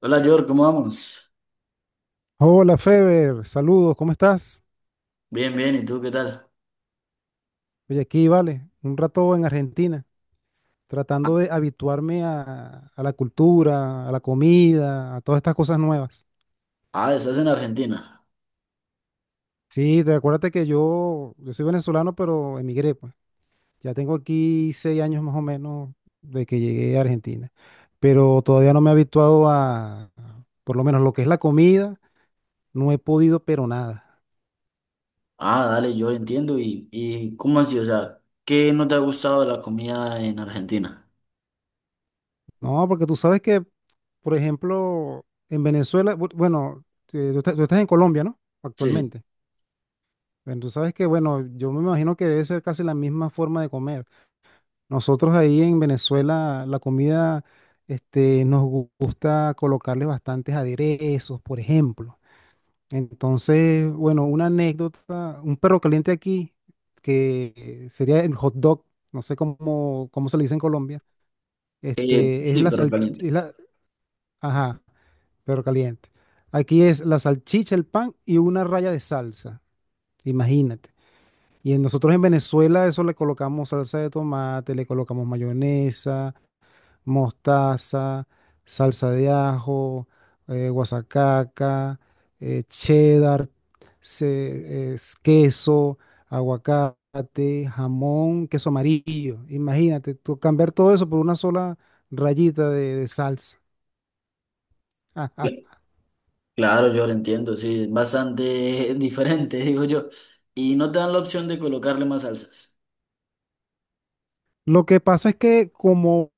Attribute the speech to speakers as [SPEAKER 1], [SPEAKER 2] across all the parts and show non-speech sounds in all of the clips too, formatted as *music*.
[SPEAKER 1] Hola, George, ¿cómo vamos?
[SPEAKER 2] Hola Feber, saludos, ¿cómo estás?
[SPEAKER 1] Bien, bien, ¿y tú qué tal?
[SPEAKER 2] Oye, aquí vale, un rato en Argentina, tratando de habituarme a la cultura, a la comida, a todas estas cosas nuevas.
[SPEAKER 1] Ah, estás en Argentina.
[SPEAKER 2] Sí, te acuérdate que yo soy venezolano, pero emigré, pues. Ya tengo aquí 6 años más o menos de que llegué a Argentina, pero todavía no me he habituado a, por lo menos lo que es la comida, no he podido, pero nada.
[SPEAKER 1] Ah, dale, yo lo entiendo. ¿Y cómo así? O sea, ¿qué no te ha gustado de la comida en Argentina?
[SPEAKER 2] No, porque tú sabes que por ejemplo, en Venezuela, bueno, tú estás en Colombia, ¿no?
[SPEAKER 1] Sí, sí.
[SPEAKER 2] Actualmente. Bueno, tú sabes que, bueno, yo me imagino que debe ser casi la misma forma de comer. Nosotros ahí en Venezuela, la comida, nos gusta colocarle bastantes aderezos, por ejemplo. Entonces, bueno, una anécdota, un perro caliente aquí, que sería el hot dog, no sé cómo se le dice en Colombia,
[SPEAKER 1] Eh,
[SPEAKER 2] es
[SPEAKER 1] sí,
[SPEAKER 2] la
[SPEAKER 1] pero
[SPEAKER 2] sal,
[SPEAKER 1] caliente.
[SPEAKER 2] es la, ajá, pero caliente. Aquí es la salchicha, el pan y una raya de salsa. Imagínate. Y nosotros en Venezuela eso le colocamos salsa de tomate, le colocamos mayonesa, mostaza, salsa de ajo, guasacaca, cheddar, es queso, aguacate, jamón, queso amarillo. Imagínate, tú cambiar todo eso por una sola rayita de salsa.
[SPEAKER 1] Cla-
[SPEAKER 2] *laughs*
[SPEAKER 1] Claro, yo lo entiendo, sí, es bastante *laughs* diferente, digo yo. Y no te dan la opción de colocarle más salsas.
[SPEAKER 2] Lo que pasa es que como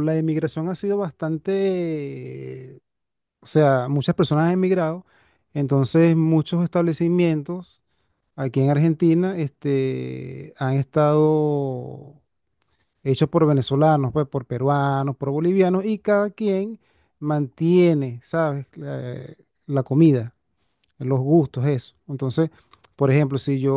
[SPEAKER 2] la emigración ha sido bastante, o sea, muchas personas han emigrado, entonces muchos establecimientos aquí en Argentina han estado hechos por venezolanos, pues, por peruanos, por bolivianos, y cada quien mantiene, ¿sabes? La comida, los gustos, eso. Entonces, por ejemplo, si yo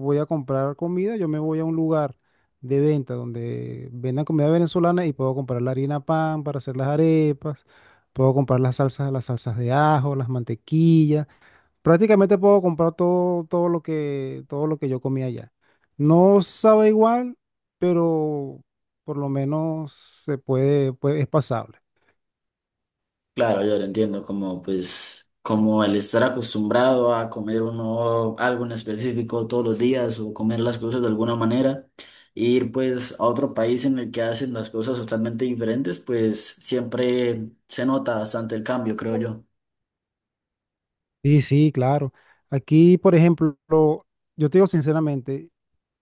[SPEAKER 2] voy a comprar comida, yo me voy a un lugar de venta donde vendan comida venezolana y puedo comprar la harina pan para hacer las arepas, puedo comprar las salsas de ajo, las mantequillas. Prácticamente puedo comprar todo, todo lo que yo comía allá. No sabe igual, pero por lo menos se puede, es pasable.
[SPEAKER 1] Claro, yo lo entiendo, como pues, como el estar acostumbrado a comer uno algo en específico todos los días o comer las cosas de alguna manera, e ir pues a otro país en el que hacen las cosas totalmente diferentes, pues siempre se nota bastante el cambio, creo yo.
[SPEAKER 2] Sí, sí, claro. Aquí, por ejemplo, yo te digo sinceramente,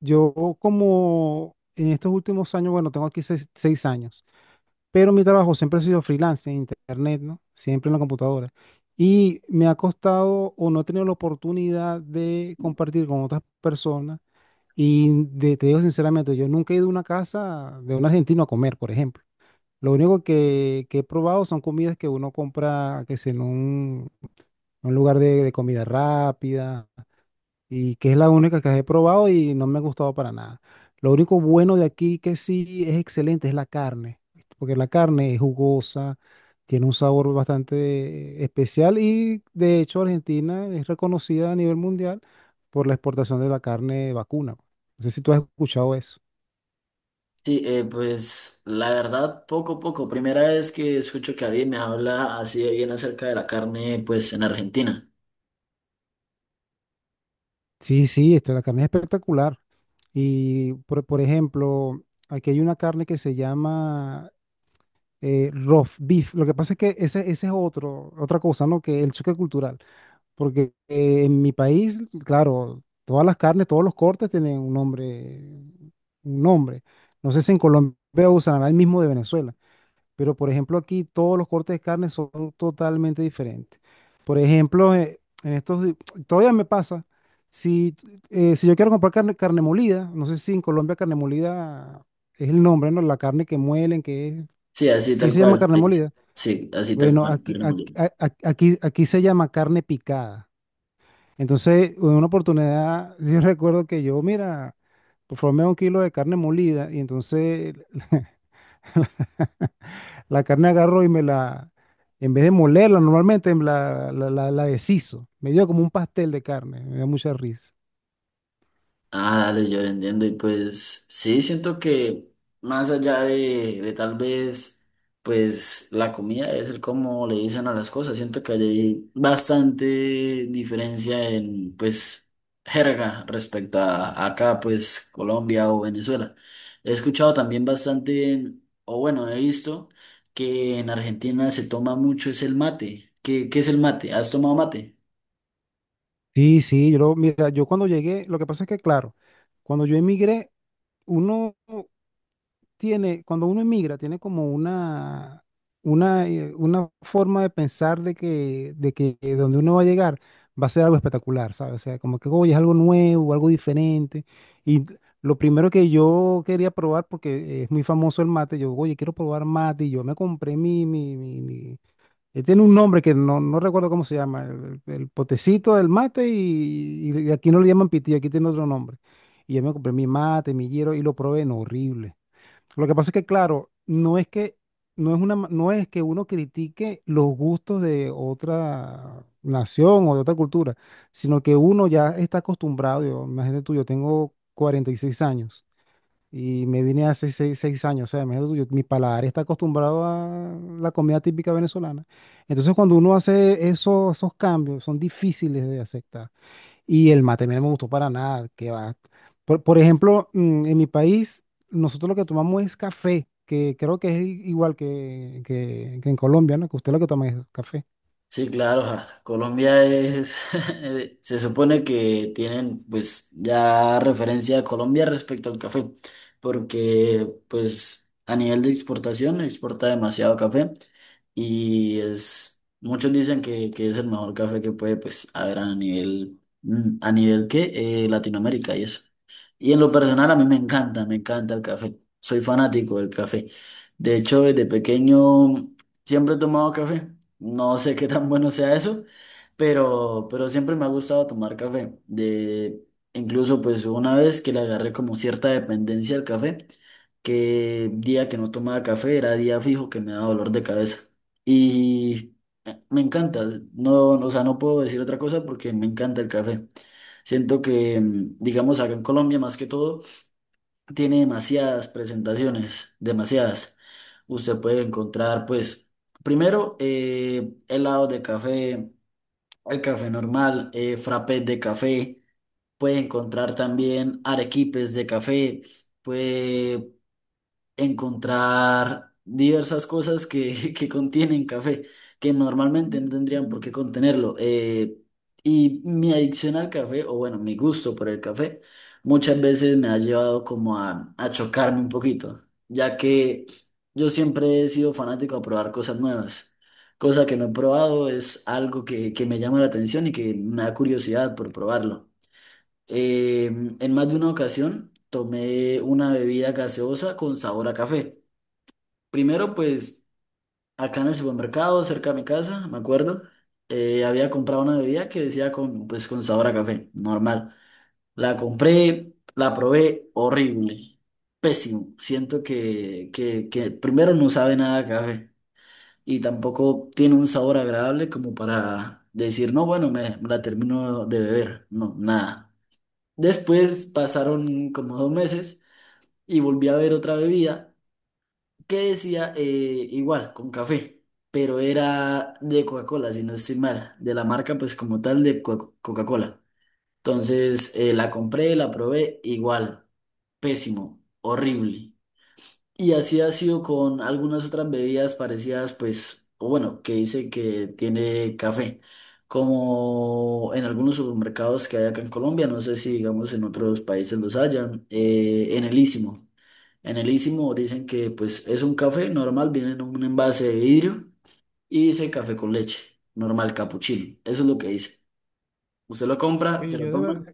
[SPEAKER 2] yo como en estos últimos años, bueno, tengo aquí seis años, pero mi trabajo siempre ha sido freelance en internet, ¿no? Siempre en la computadora. Y me ha costado o no he tenido la oportunidad de compartir con otras personas. Y te digo sinceramente, yo nunca he ido a una casa de un argentino a comer, por ejemplo. Lo único que he probado son comidas que uno compra, que es en un lugar de comida rápida, y que es la única que he probado y no me ha gustado para nada. Lo único bueno de aquí que sí es excelente es la carne, porque la carne es jugosa, tiene un sabor bastante especial y de hecho Argentina es reconocida a nivel mundial por la exportación de la carne de vacuna. No sé si tú has escuchado eso.
[SPEAKER 1] Sí, pues la verdad, poco a poco, primera vez que escucho que alguien me habla así de bien acerca de la carne, pues en Argentina.
[SPEAKER 2] Sí, sí, la carne es espectacular. Y por ejemplo, aquí hay una carne que se llama roast beef. Lo que pasa es que ese es otro, otra cosa, ¿no? Que el choque cultural. Porque en mi país, claro, todas las carnes, todos los cortes tienen un nombre, un nombre. No sé si en Colombia usarán el mismo de Venezuela. Pero por ejemplo aquí todos los cortes de carne son totalmente diferentes. Por ejemplo, en estos todavía me pasa, si, si yo quiero comprar carne, carne molida, no sé si en Colombia carne molida es el nombre, ¿no? La carne que muelen, que es,
[SPEAKER 1] Sí, así
[SPEAKER 2] sí
[SPEAKER 1] tal
[SPEAKER 2] se llama
[SPEAKER 1] cual.
[SPEAKER 2] carne
[SPEAKER 1] Sí,
[SPEAKER 2] molida.
[SPEAKER 1] sí, así tal
[SPEAKER 2] Bueno,
[SPEAKER 1] cual,
[SPEAKER 2] aquí,
[SPEAKER 1] carne
[SPEAKER 2] aquí,
[SPEAKER 1] molida.
[SPEAKER 2] a- aquí, aquí se llama carne picada. Entonces, en una oportunidad, *laughs* yo recuerdo que yo, mira, por favor, me da 1 kilo de carne molida y entonces *laughs* la carne agarró y me la, en vez de molerla normalmente, me la deshizo. Me dio como un pastel de carne, me dio mucha risa.
[SPEAKER 1] Ah, dale, yo lo entiendo. Y pues sí, siento que más allá de tal vez, pues la comida es el cómo le dicen a las cosas. Siento que hay bastante diferencia en, pues, jerga respecto a acá, pues, Colombia o Venezuela. He escuchado también bastante, o bueno, he visto que en Argentina se toma mucho es el mate. ¿Qué es el mate? ¿Has tomado mate?
[SPEAKER 2] Sí, sí, mira, yo cuando llegué, lo que pasa es que, claro, cuando yo emigré, uno tiene, cuando uno emigra, tiene como una, una forma de pensar de que, donde uno va a llegar va a ser algo espectacular, ¿sabes? O sea, como que, oye, es algo nuevo, algo diferente. Y lo primero que yo quería probar, porque es muy famoso el mate, oye, quiero probar mate, y yo me compré mi tiene un nombre que no recuerdo cómo se llama, el potecito del mate y aquí no le llaman pitillo, aquí tiene otro nombre. Y yo me compré mi mate, mi hierro y lo probé, no, horrible. Lo que pasa es que, claro, no es que, no es una, no es que uno critique los gustos de otra nación o de otra cultura, sino que uno ya está acostumbrado. Yo, imagínate tú, yo tengo 46 años. Y me vine hace seis años, o sea, imagínate tú, mi paladar está acostumbrado a la comida típica venezolana. Entonces, cuando uno hace esos cambios, son difíciles de aceptar. Y el mate a mí no me gustó para nada, que va. Por ejemplo, en mi país, nosotros lo que tomamos es café, que creo que es igual que, que en Colombia, ¿no? Que usted lo que toma es café.
[SPEAKER 1] Sí, claro, ja, Colombia es, *laughs* se supone que tienen pues ya referencia a Colombia respecto al café, porque pues a nivel de exportación exporta demasiado café y es, muchos dicen que es el mejor café que puede pues haber a nivel, a nivel que Latinoamérica y eso. Y en lo personal a mí me encanta el café. Soy fanático del café. De hecho, desde pequeño siempre he tomado café. No sé qué tan bueno sea eso, pero siempre me ha gustado tomar café. Incluso pues hubo una vez que le agarré como cierta dependencia al café, que día que no tomaba café era día fijo que me daba dolor de cabeza. Y me encanta, no, o sea, no puedo decir otra cosa porque me encanta el café. Siento que, digamos, acá en Colombia más que todo, tiene demasiadas presentaciones, demasiadas. Usted puede encontrar, pues, primero, helado de café, el café normal, frappés de café, puede encontrar también arequipes de café, encontrar diversas cosas que, *laughs* que contienen café, que normalmente no tendrían por qué contenerlo. Y mi adicción al café, o bueno, mi gusto por el café, muchas veces me ha llevado como a chocarme un poquito, ya que yo siempre he sido fanático a probar cosas nuevas. Cosa que no he probado es algo que me llama la atención y que me da curiosidad por probarlo. Eh, en más de una ocasión tomé una bebida gaseosa con sabor a café. Primero, pues acá en el supermercado, cerca de mi casa, me acuerdo, había comprado una bebida que decía con, pues, con sabor a café, normal. La compré, la probé, horrible, pésimo. Siento que primero no sabe nada a café y tampoco tiene un sabor agradable como para decir, no, bueno, me la termino de beber. No, nada. Después pasaron como dos meses y volví a ver otra bebida que decía igual, con café, pero era de Coca-Cola, si no estoy mal, de la marca pues como tal de Coca-Cola. Entonces la compré, la probé, igual, pésimo, horrible. Y así ha sido con algunas otras bebidas parecidas, pues, o bueno, que dice que tiene café, como en algunos supermercados que hay acá en Colombia, no sé si digamos en otros países los hayan, en el Istmo. En el Ísimo dicen que pues es un café normal, viene en un envase de vidrio y dice café con leche, normal capuchino. Eso es lo que dice. Usted lo compra, se
[SPEAKER 2] Oye,
[SPEAKER 1] lo
[SPEAKER 2] yo de verdad,
[SPEAKER 1] toma,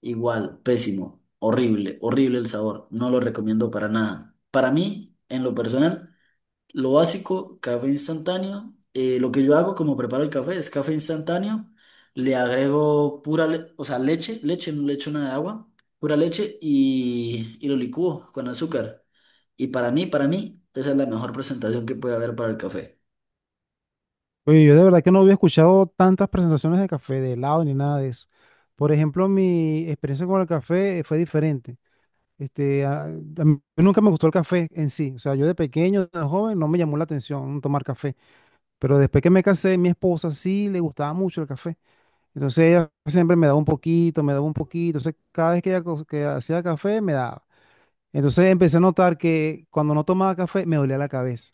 [SPEAKER 1] igual, pésimo, horrible, horrible el sabor. No lo recomiendo para nada. Para mí, en lo personal, lo básico, café instantáneo. Lo que yo hago como preparo el café es café instantáneo. Le agrego pura, o sea, leche, leche, no le echo nada de agua, pura leche y lo licúo con azúcar. Y para mí, esa es la mejor presentación que puede haber para el café.
[SPEAKER 2] oye, yo de verdad que no había escuchado tantas presentaciones de café, de helado, ni nada de eso. Por ejemplo, mi experiencia con el café fue diferente. A mí nunca me gustó el café en sí. O sea, yo de pequeño, de joven, no me llamó la atención tomar café. Pero después que me casé, mi esposa sí le gustaba mucho el café. Entonces ella siempre me daba un poquito, me daba un poquito. Entonces cada vez que ella que hacía café, me daba. Entonces empecé a notar que cuando no tomaba café, me dolía la cabeza.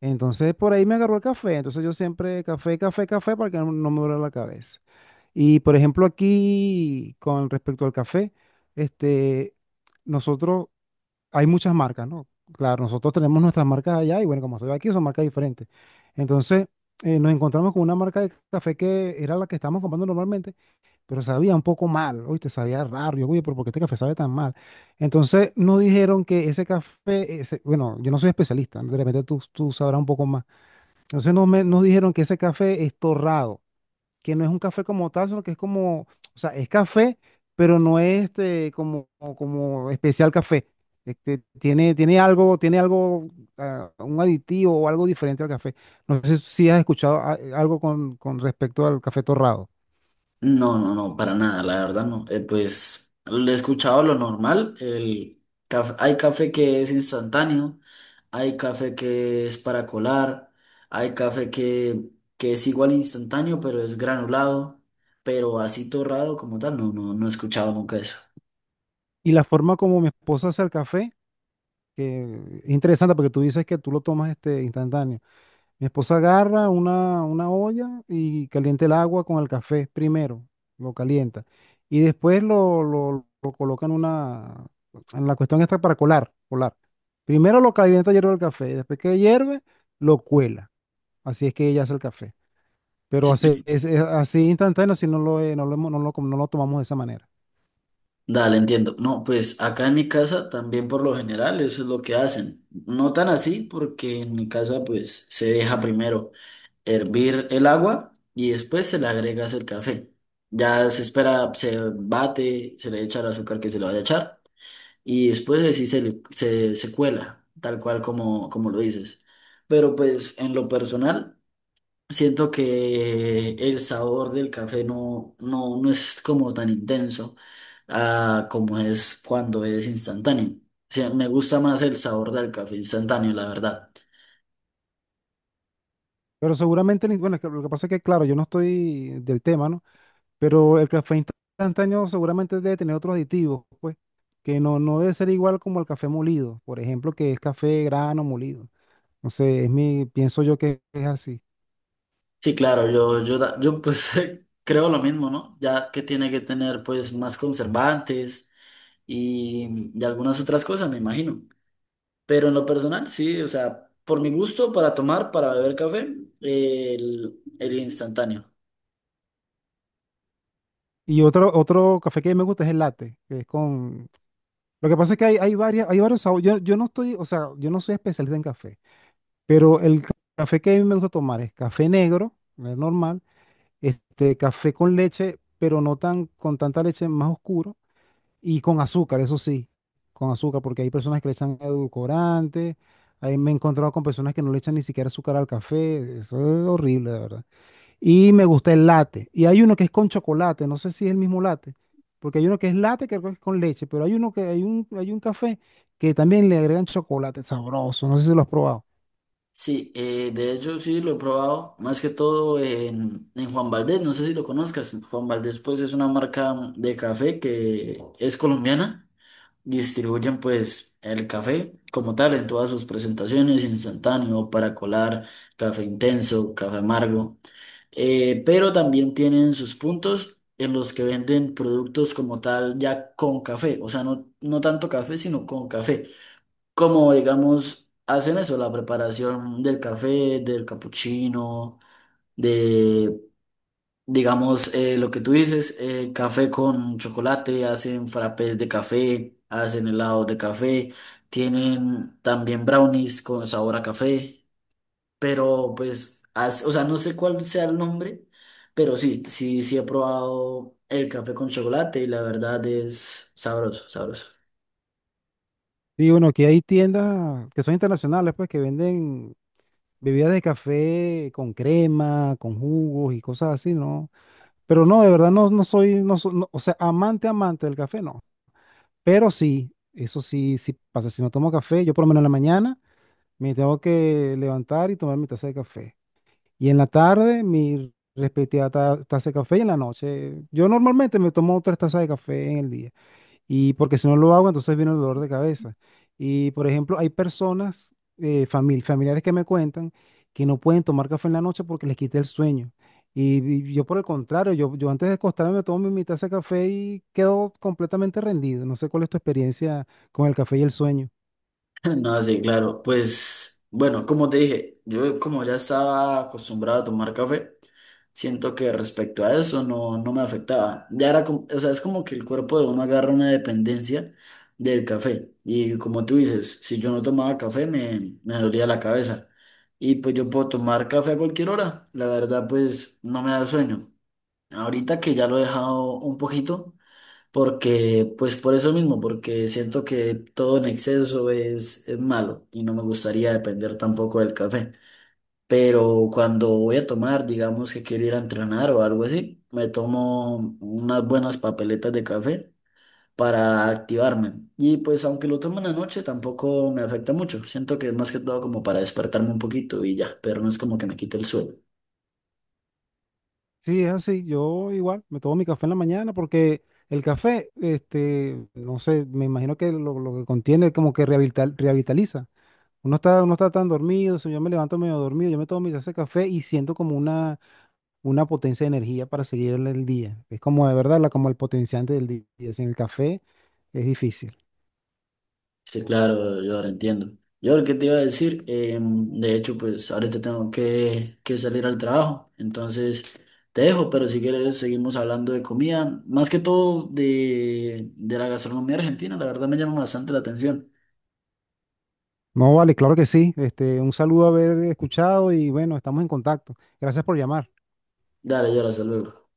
[SPEAKER 2] Entonces por ahí me agarró el café. Entonces yo siempre café, café, café para que no me duela la cabeza. Y por ejemplo aquí, con respecto al café, este, nosotros hay muchas marcas, ¿no? Claro, nosotros tenemos nuestras marcas allá y bueno, como estoy aquí, son marcas diferentes. Entonces, nos encontramos con una marca de café que era la que estábamos comprando normalmente, pero sabía un poco mal, oye, te sabía raro. Oye, pero ¿por qué este café sabe tan mal? Entonces, nos dijeron que ese café, bueno, yo no soy especialista, de repente tú sabrás un poco más. Entonces, nos dijeron que ese café es torrado, que no es un café como tal, sino que es como, o sea, es café, pero no es como especial café. Tiene algo, tiene algo, ah, un aditivo o algo diferente al café. No sé si has escuchado algo con respecto al café torrado.
[SPEAKER 1] No, no, no, para nada, la verdad no. Pues lo he escuchado lo normal. Hay café que es instantáneo, hay café que es para colar, hay café que es igual instantáneo, pero es granulado, pero así torrado como tal, no, no, no he escuchado nunca eso.
[SPEAKER 2] Y la forma como mi esposa hace el café, que es interesante porque tú dices que tú lo tomas instantáneo. Mi esposa agarra una olla y calienta el agua con el café primero, lo calienta. Y después lo coloca en una, en la cuestión esta para colar, colar. Primero lo calienta hierve el café, y después que hierve, lo cuela. Así es que ella hace el café. Pero hace,
[SPEAKER 1] Sí.
[SPEAKER 2] es así instantáneo si no lo tomamos de esa manera.
[SPEAKER 1] Dale, entiendo. No, pues acá en mi casa también por lo general eso es lo que hacen. No tan así, porque en mi casa pues se deja primero hervir el agua y después se le agregas el café. Ya se espera, se bate, se le echa el azúcar que se le vaya a echar y después de sí se cuela, tal cual como, como lo dices. Pero pues en lo personal, siento que el sabor del café no, no, no es como tan intenso, ah, como es cuando es instantáneo. O sea, me gusta más el sabor del café instantáneo, la verdad.
[SPEAKER 2] Pero seguramente, bueno, es que lo que pasa es que, claro, yo no estoy del tema, ¿no? Pero el café instantáneo seguramente debe tener otros aditivos, pues, que no debe ser igual como el café molido, por ejemplo, que es café grano molido. No sé, pienso yo que es así.
[SPEAKER 1] Sí, claro, yo pues *laughs* creo lo mismo, ¿no? Ya que tiene que tener pues más conservantes y algunas otras cosas, me imagino. Pero en lo personal, sí, o sea, por mi gusto, para tomar, para beber café, el instantáneo.
[SPEAKER 2] Y otro café que me gusta es el latte, que es con. Lo que pasa es que hay varias, hay varios sabores. Yo no estoy, o sea, yo no soy especialista en café, pero el café que a mí me gusta tomar es café negro, el normal, café con leche, pero no tan, con tanta leche más oscuro. Y con azúcar, eso sí, con azúcar, porque hay personas que le echan edulcorante, ahí me he encontrado con personas que no le echan ni siquiera azúcar al café, eso es horrible, de verdad. Y me gusta el latte, y hay uno que es con chocolate, no sé si es el mismo latte, porque hay uno que es latte que creo que es con leche, pero hay uno que hay un café que también le agregan chocolate sabroso, no sé si lo has probado.
[SPEAKER 1] Sí, de hecho sí lo he probado, más que todo en Juan Valdez, no sé si lo conozcas. Juan Valdez pues es una marca de café que es colombiana. Distribuyen pues el café como tal en todas sus presentaciones, instantáneo, para colar, café intenso, café amargo, pero también tienen sus puntos en los que venden productos como tal ya con café, o sea, no, no tanto café, sino con café, como digamos hacen eso, la preparación del café, del capuchino, digamos, lo que tú dices, café con chocolate, hacen frappés de café, hacen helados de café, tienen también brownies con sabor a café, pero pues, o sea, no sé cuál sea el nombre, pero sí, sí, sí he probado el café con chocolate y la verdad es sabroso, sabroso.
[SPEAKER 2] Y bueno, que hay tiendas que son internacionales, pues, que venden bebidas de café con crema, con jugos y cosas así, ¿no? Pero no, de verdad no, no soy, no, no, o sea, amante, amante del café, no. Pero sí, eso sí, sí pasa. Si no tomo café, yo por lo menos en la mañana me tengo que levantar y tomar mi taza de café. Y en la tarde, mi respectiva taza de café y en la noche. Yo normalmente me tomo tres tazas de café en el día. Y porque si no lo hago, entonces viene el dolor de cabeza. Y por ejemplo, hay personas, familiares que me cuentan que no pueden tomar café en la noche porque les quita el sueño. Y, y yo por el contrario, yo antes de acostarme me tomo mi taza de café y quedo completamente rendido. No sé cuál es tu experiencia con el café y el sueño.
[SPEAKER 1] *laughs* No, sí, claro. Pues bueno, como te dije, yo como ya estaba acostumbrado a tomar café, siento que respecto a eso no, no me afectaba. Ya era como, o sea, es como que el cuerpo de uno agarra una dependencia del café. Y como tú dices, si yo no tomaba café me, me dolía la cabeza. Y pues yo puedo tomar café a cualquier hora. La verdad, pues no me da sueño. Ahorita que ya lo he dejado un poquito. Porque, pues por eso mismo, porque siento que todo en exceso es malo y no me gustaría depender tampoco del café. Pero cuando voy a tomar, digamos que quiero ir a entrenar o algo así, me tomo unas buenas papeletas de café para activarme. Y pues aunque lo tomo en la noche, tampoco me afecta mucho. Siento que es más que todo como para despertarme un poquito y ya, pero no es como que me quite el sueño.
[SPEAKER 2] Sí, es así. Yo igual me tomo mi café en la mañana porque el café, no sé, me imagino que lo que contiene como que rehabilitaliza. Uno está tan dormido, si yo me levanto medio dormido, yo me tomo mi taza de café y siento como una potencia de energía para seguir el día. Es como de verdad, como el potenciante del día. Sin el café es difícil.
[SPEAKER 1] Sí, claro, yo ahora entiendo. Yo lo que te iba a decir, de hecho, pues ahorita tengo que salir al trabajo, entonces te dejo, pero si quieres seguimos hablando de comida, más que todo de la gastronomía argentina, la verdad me llama bastante la atención.
[SPEAKER 2] No, vale, claro que sí. Un saludo haber escuchado y bueno, estamos en contacto. Gracias por llamar.
[SPEAKER 1] Dale, yo hasta luego.